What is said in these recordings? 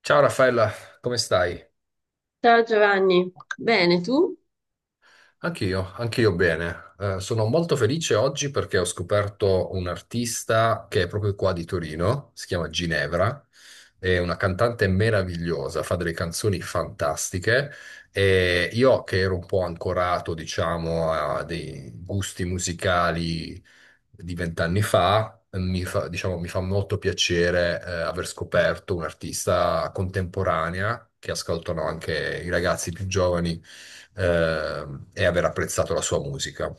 Ciao Raffaella, come stai? Ciao Giovanni, bene tu? Anch'io, anch'io bene. Sono molto felice oggi perché ho scoperto un artista che è proprio qua di Torino, si chiama Ginevra, è una cantante meravigliosa, fa delle canzoni fantastiche e io che ero un po' ancorato, diciamo, a dei gusti musicali di 20 anni fa, mi fa, diciamo, mi fa molto piacere, aver scoperto un'artista contemporanea che ascoltano anche i ragazzi più giovani eh, e aver apprezzato la sua musica.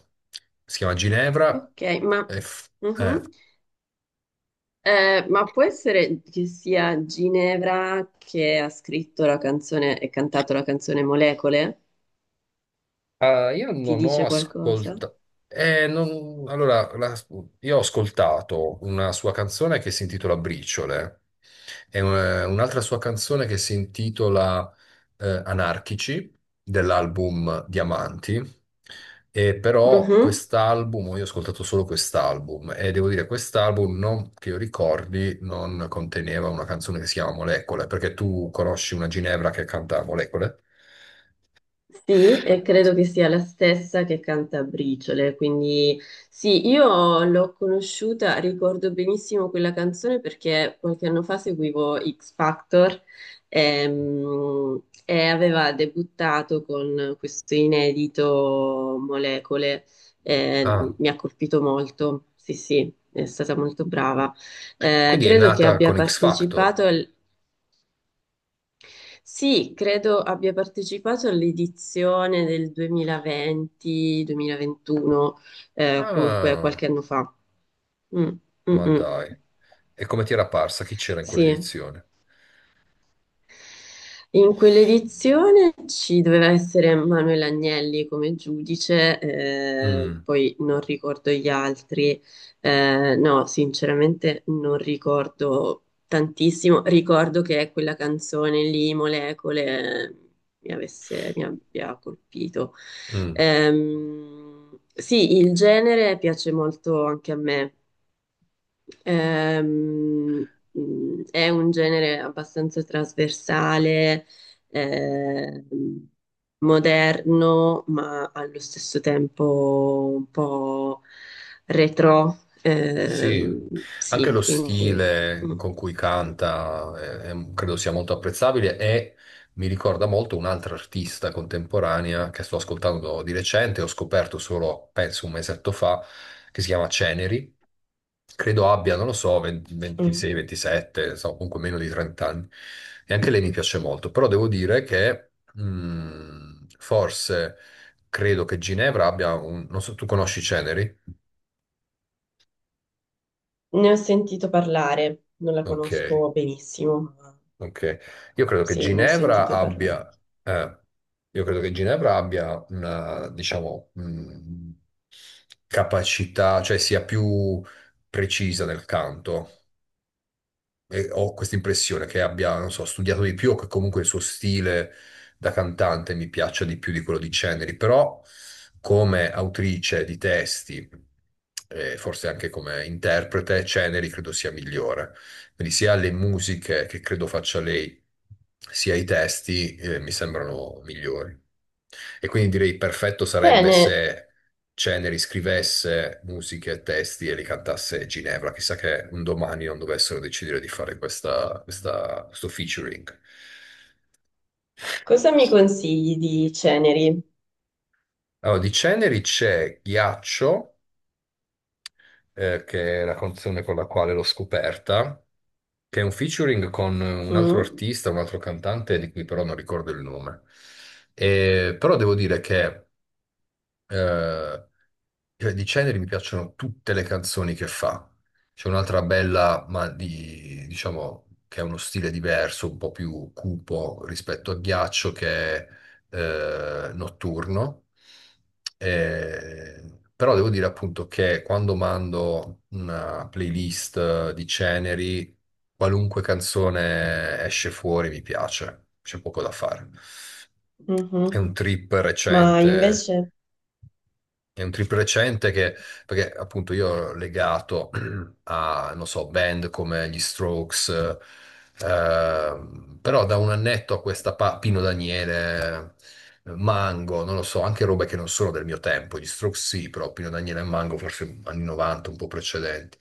Si chiama Ginevra. Ok, ma, e f- eh, mhm. Ma può essere che sia Ginevra che ha scritto la canzone e cantato la canzone Molecole? Ah, io Ti non ho dice qualcosa? ascoltato. Allora, io ho ascoltato una sua canzone che si intitola Briciole e un'altra sua canzone che si intitola Anarchici dell'album Diamanti. E però Mhm. quest'album, io ho ascoltato solo quest'album e devo dire, quest'album non, che io ricordi non conteneva una canzone che si chiama Molecole, perché tu conosci una Ginevra che canta Molecole? Sì, e credo che sia la stessa che canta Briciole, quindi sì, io l'ho conosciuta, ricordo benissimo quella canzone perché qualche anno fa seguivo X Factor e aveva debuttato con questo inedito Molecole, Ah. mi ha colpito molto, sì sì, è stata molto brava. Quindi è Credo che nata abbia con X Factor. partecipato al sì, credo abbia partecipato all'edizione del 2020-2021, comunque Ah, qualche anno fa. Mm, mm, ma mm. dai. E come ti era parsa? Chi c'era in Sì. quell'edizione? In quell'edizione ci doveva essere Manuel Agnelli come giudice, Mm, poi non ricordo gli altri. No, sinceramente non ricordo tantissimo, ricordo che quella canzone lì, Molecole, mi abbia colpito. mm. Sì, il genere piace molto anche a me. È un genere abbastanza trasversale, ehm, moderno, ma allo stesso tempo un po' retro. Sì, anche Sì, lo quindi stile mm, con cui canta credo sia molto apprezzabile e mi ricorda molto un'altra artista contemporanea che sto ascoltando di recente, ho scoperto solo, penso, un mesetto fa, che si chiama Ceneri. Credo abbia, non lo so, 20 mm. 26, 27, insomma, comunque meno di 30 anni. E anche lei mi piace molto, però devo dire che forse credo che Ginevra abbia un... Non so, tu conosci Ceneri? Ne ho sentito parlare, non la Ok. conosco benissimo, ma Ok, io credo che sì, ne ho Ginevra sentito parlare. abbia, eh, io credo che Ginevra abbia una, diciamo, capacità, cioè sia più precisa nel canto. E ho questa impressione che abbia, non so, studiato di più o che comunque il suo stile da cantante mi piaccia di più di quello di Ceneri, però come autrice di testi, e forse anche come interprete, Ceneri credo sia migliore. Quindi sia le musiche che credo faccia lei, sia i testi, mi sembrano migliori. E quindi direi perfetto sarebbe Bene, se Ceneri scrivesse musiche e testi e li cantasse Ginevra. Chissà che un domani non dovessero decidere di fare questa, questo featuring. cosa mi consigli di Ceneri? Allora, di Ceneri c'è Ghiaccio che è la canzone con la quale l'ho scoperta, che è un featuring con un altro Mm? artista, un altro cantante, di cui però non ricordo il nome. Però devo dire che eh, cioè, di Ceneri mi piacciono tutte le canzoni che fa. C'è un'altra bella, ma di, diciamo, che ha uno stile diverso, un po' più cupo rispetto a Ghiaccio, che è Notturno. Però devo dire appunto che quando mando una playlist di Ceneri, qualunque canzone esce fuori mi piace, c'è poco da fare. Mhm. È un trip Ma recente invece... è un trip recente che, perché appunto io ero legato a, non so, band come gli Strokes, però da un annetto a questa Pino Daniele, Mango, non lo so, anche robe che non sono del mio tempo, gli Strokes sì, però Pino Daniele e Mango forse anni 90, un po' precedenti.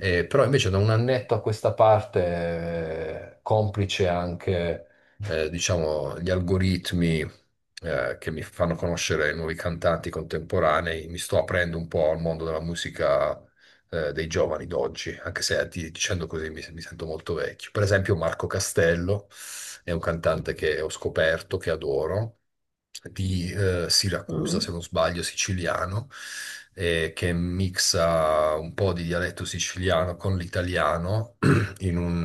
Però invece da un annetto a questa parte, complice anche diciamo, gli algoritmi, che mi fanno conoscere nuovi cantanti contemporanei, mi sto aprendo un po' al mondo della musica dei giovani d'oggi, anche se dicendo così mi sento molto vecchio. Per esempio Marco Castello è un cantante che ho scoperto, che adoro, di Siracusa, Mm. se non sbaglio, siciliano, che mixa un po' di dialetto siciliano con l'italiano in, un,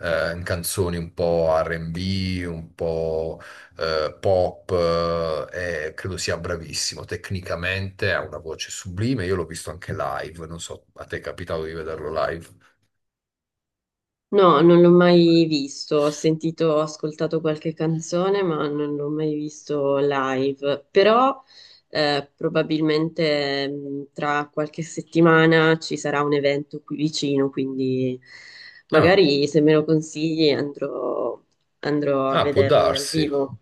in canzoni un po' R&B, un po' pop, e credo sia bravissimo. Tecnicamente ha una voce sublime, io l'ho visto anche live, non so, a te è capitato di vederlo live? No, non l'ho mai visto, ho sentito, ho ascoltato qualche canzone, ma non l'ho mai visto live. Però probabilmente tra qualche settimana ci sarà un evento qui vicino, quindi No. magari se me lo consigli andrò a Ah, può vederlo dal darsi. vivo.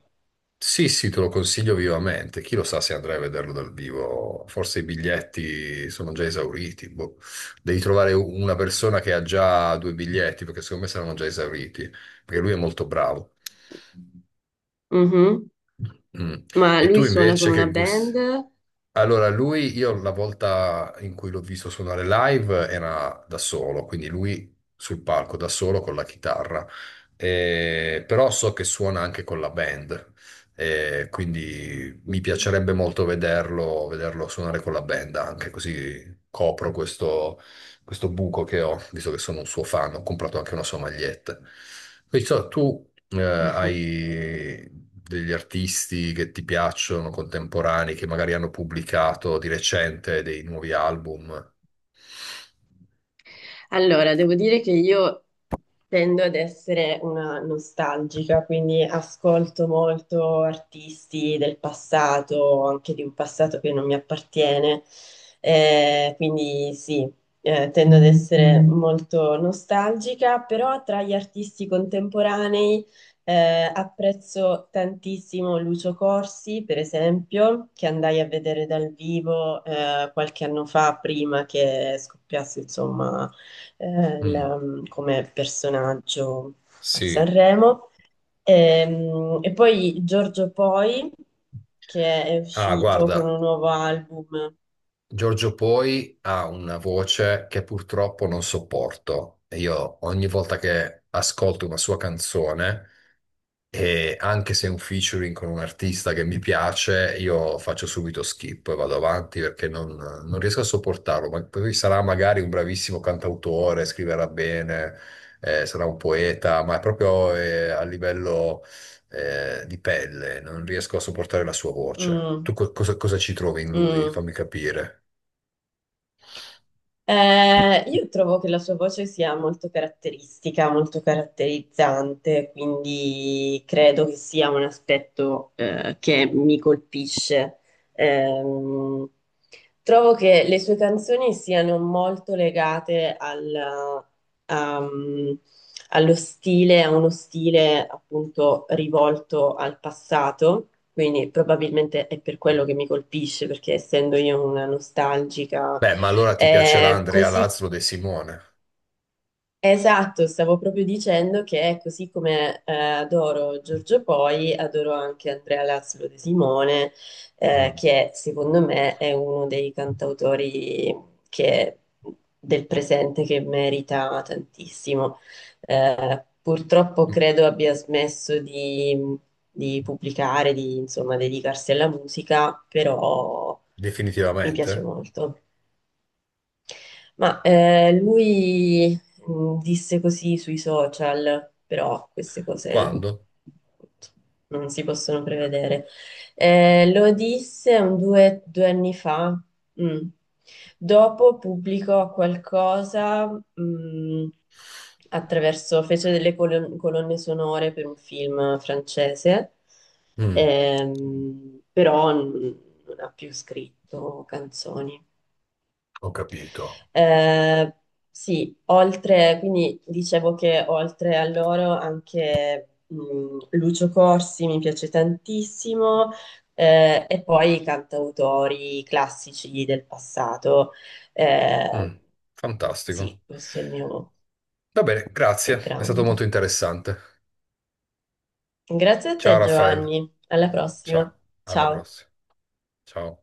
Sì, sì, te lo consiglio vivamente. Chi lo sa se andrai a vederlo dal vivo? Forse i biglietti sono già esauriti. Boh. Devi trovare una persona che ha già due biglietti, perché secondo me saranno già esauriti, perché lui è molto bravo. Mhm. Mm. Ma E lui tu suona invece con una che gusti? band? Allora, lui, io la volta in cui l'ho visto suonare live era da solo, quindi lui sul palco da solo con la chitarra. Però so che suona anche con la band, quindi mi Mhm. piacerebbe molto vederlo, vederlo suonare con la band anche, così copro questo, buco che ho, visto che sono un suo fan, ho comprato anche una sua maglietta. Quindi, so, tu hai degli artisti che ti piacciono, contemporanei, che magari hanno pubblicato di recente dei nuovi album? Allora, devo dire che io tendo ad essere una nostalgica, quindi ascolto molto artisti del passato, anche di un passato che non mi appartiene. Quindi sì, tendo ad essere molto nostalgica, però tra gli artisti contemporanei apprezzo tantissimo Lucio Corsi, per esempio, che andai a vedere dal vivo qualche anno fa, prima che scoppiasse, insomma eh, Mm, la- come personaggio a sì. Sanremo. Poi Giorgio Poi, che è Ah, uscito con guarda, un nuovo album. Giorgio Poi ha una voce che purtroppo non sopporto. E io ogni volta che ascolto una sua canzone e anche se è un featuring con un artista che mi piace, io faccio subito skip e vado avanti perché non riesco a sopportarlo. Ma poi sarà magari un bravissimo cantautore, scriverà bene, sarà un poeta, ma è proprio a livello di pelle, non riesco a sopportare la sua voce. Tu Mm, cosa ci trovi in lui? mm. Fammi capire. Io trovo che la sua voce sia molto caratteristica, molto caratterizzante, quindi credo che sia un aspetto che mi colpisce. Ehm, Trovo che le sue canzoni siano molto legate um, allo stile, a uno stile appunto rivolto al passato, quindi probabilmente è per quello che mi colpisce, perché essendo io una nostalgica, Beh, ma allora ti piacerà Andrea così Lazzaro De Simone? Esatto, stavo proprio dicendo che così come adoro Giorgio Poi, adoro anche Andrea Lazzaro De Simone, Mm. che secondo me è uno dei che- del presente che merita tantissimo. Purtroppo Mm. credo abbia smesso di pubblicare, di insomma dedicarsi alla musica, però mi piace Definitivamente? molto. Ma lui disse così sui social, però queste cose Quando? non si possono prevedere. Lo disse due anni fa. Mm. Dopo pubblicò qualcosa, mm, attraverso, fece delle colonne sonore per un film francese, Mm, però non ha più scritto canzoni. Ho capito. Eh, quindi dicevo che oltre a loro anche Lucio Corsi mi piace tantissimo, e poi i cantautori classici del passato. Eh, Mm, sì, Fantastico. questo è il mio Va bene, grazie, è stato background. molto interessante. Grazie a Ciao te, Raffaele, Giovanni. Alla ciao, prossima. alla Ciao. prossima. Ciao.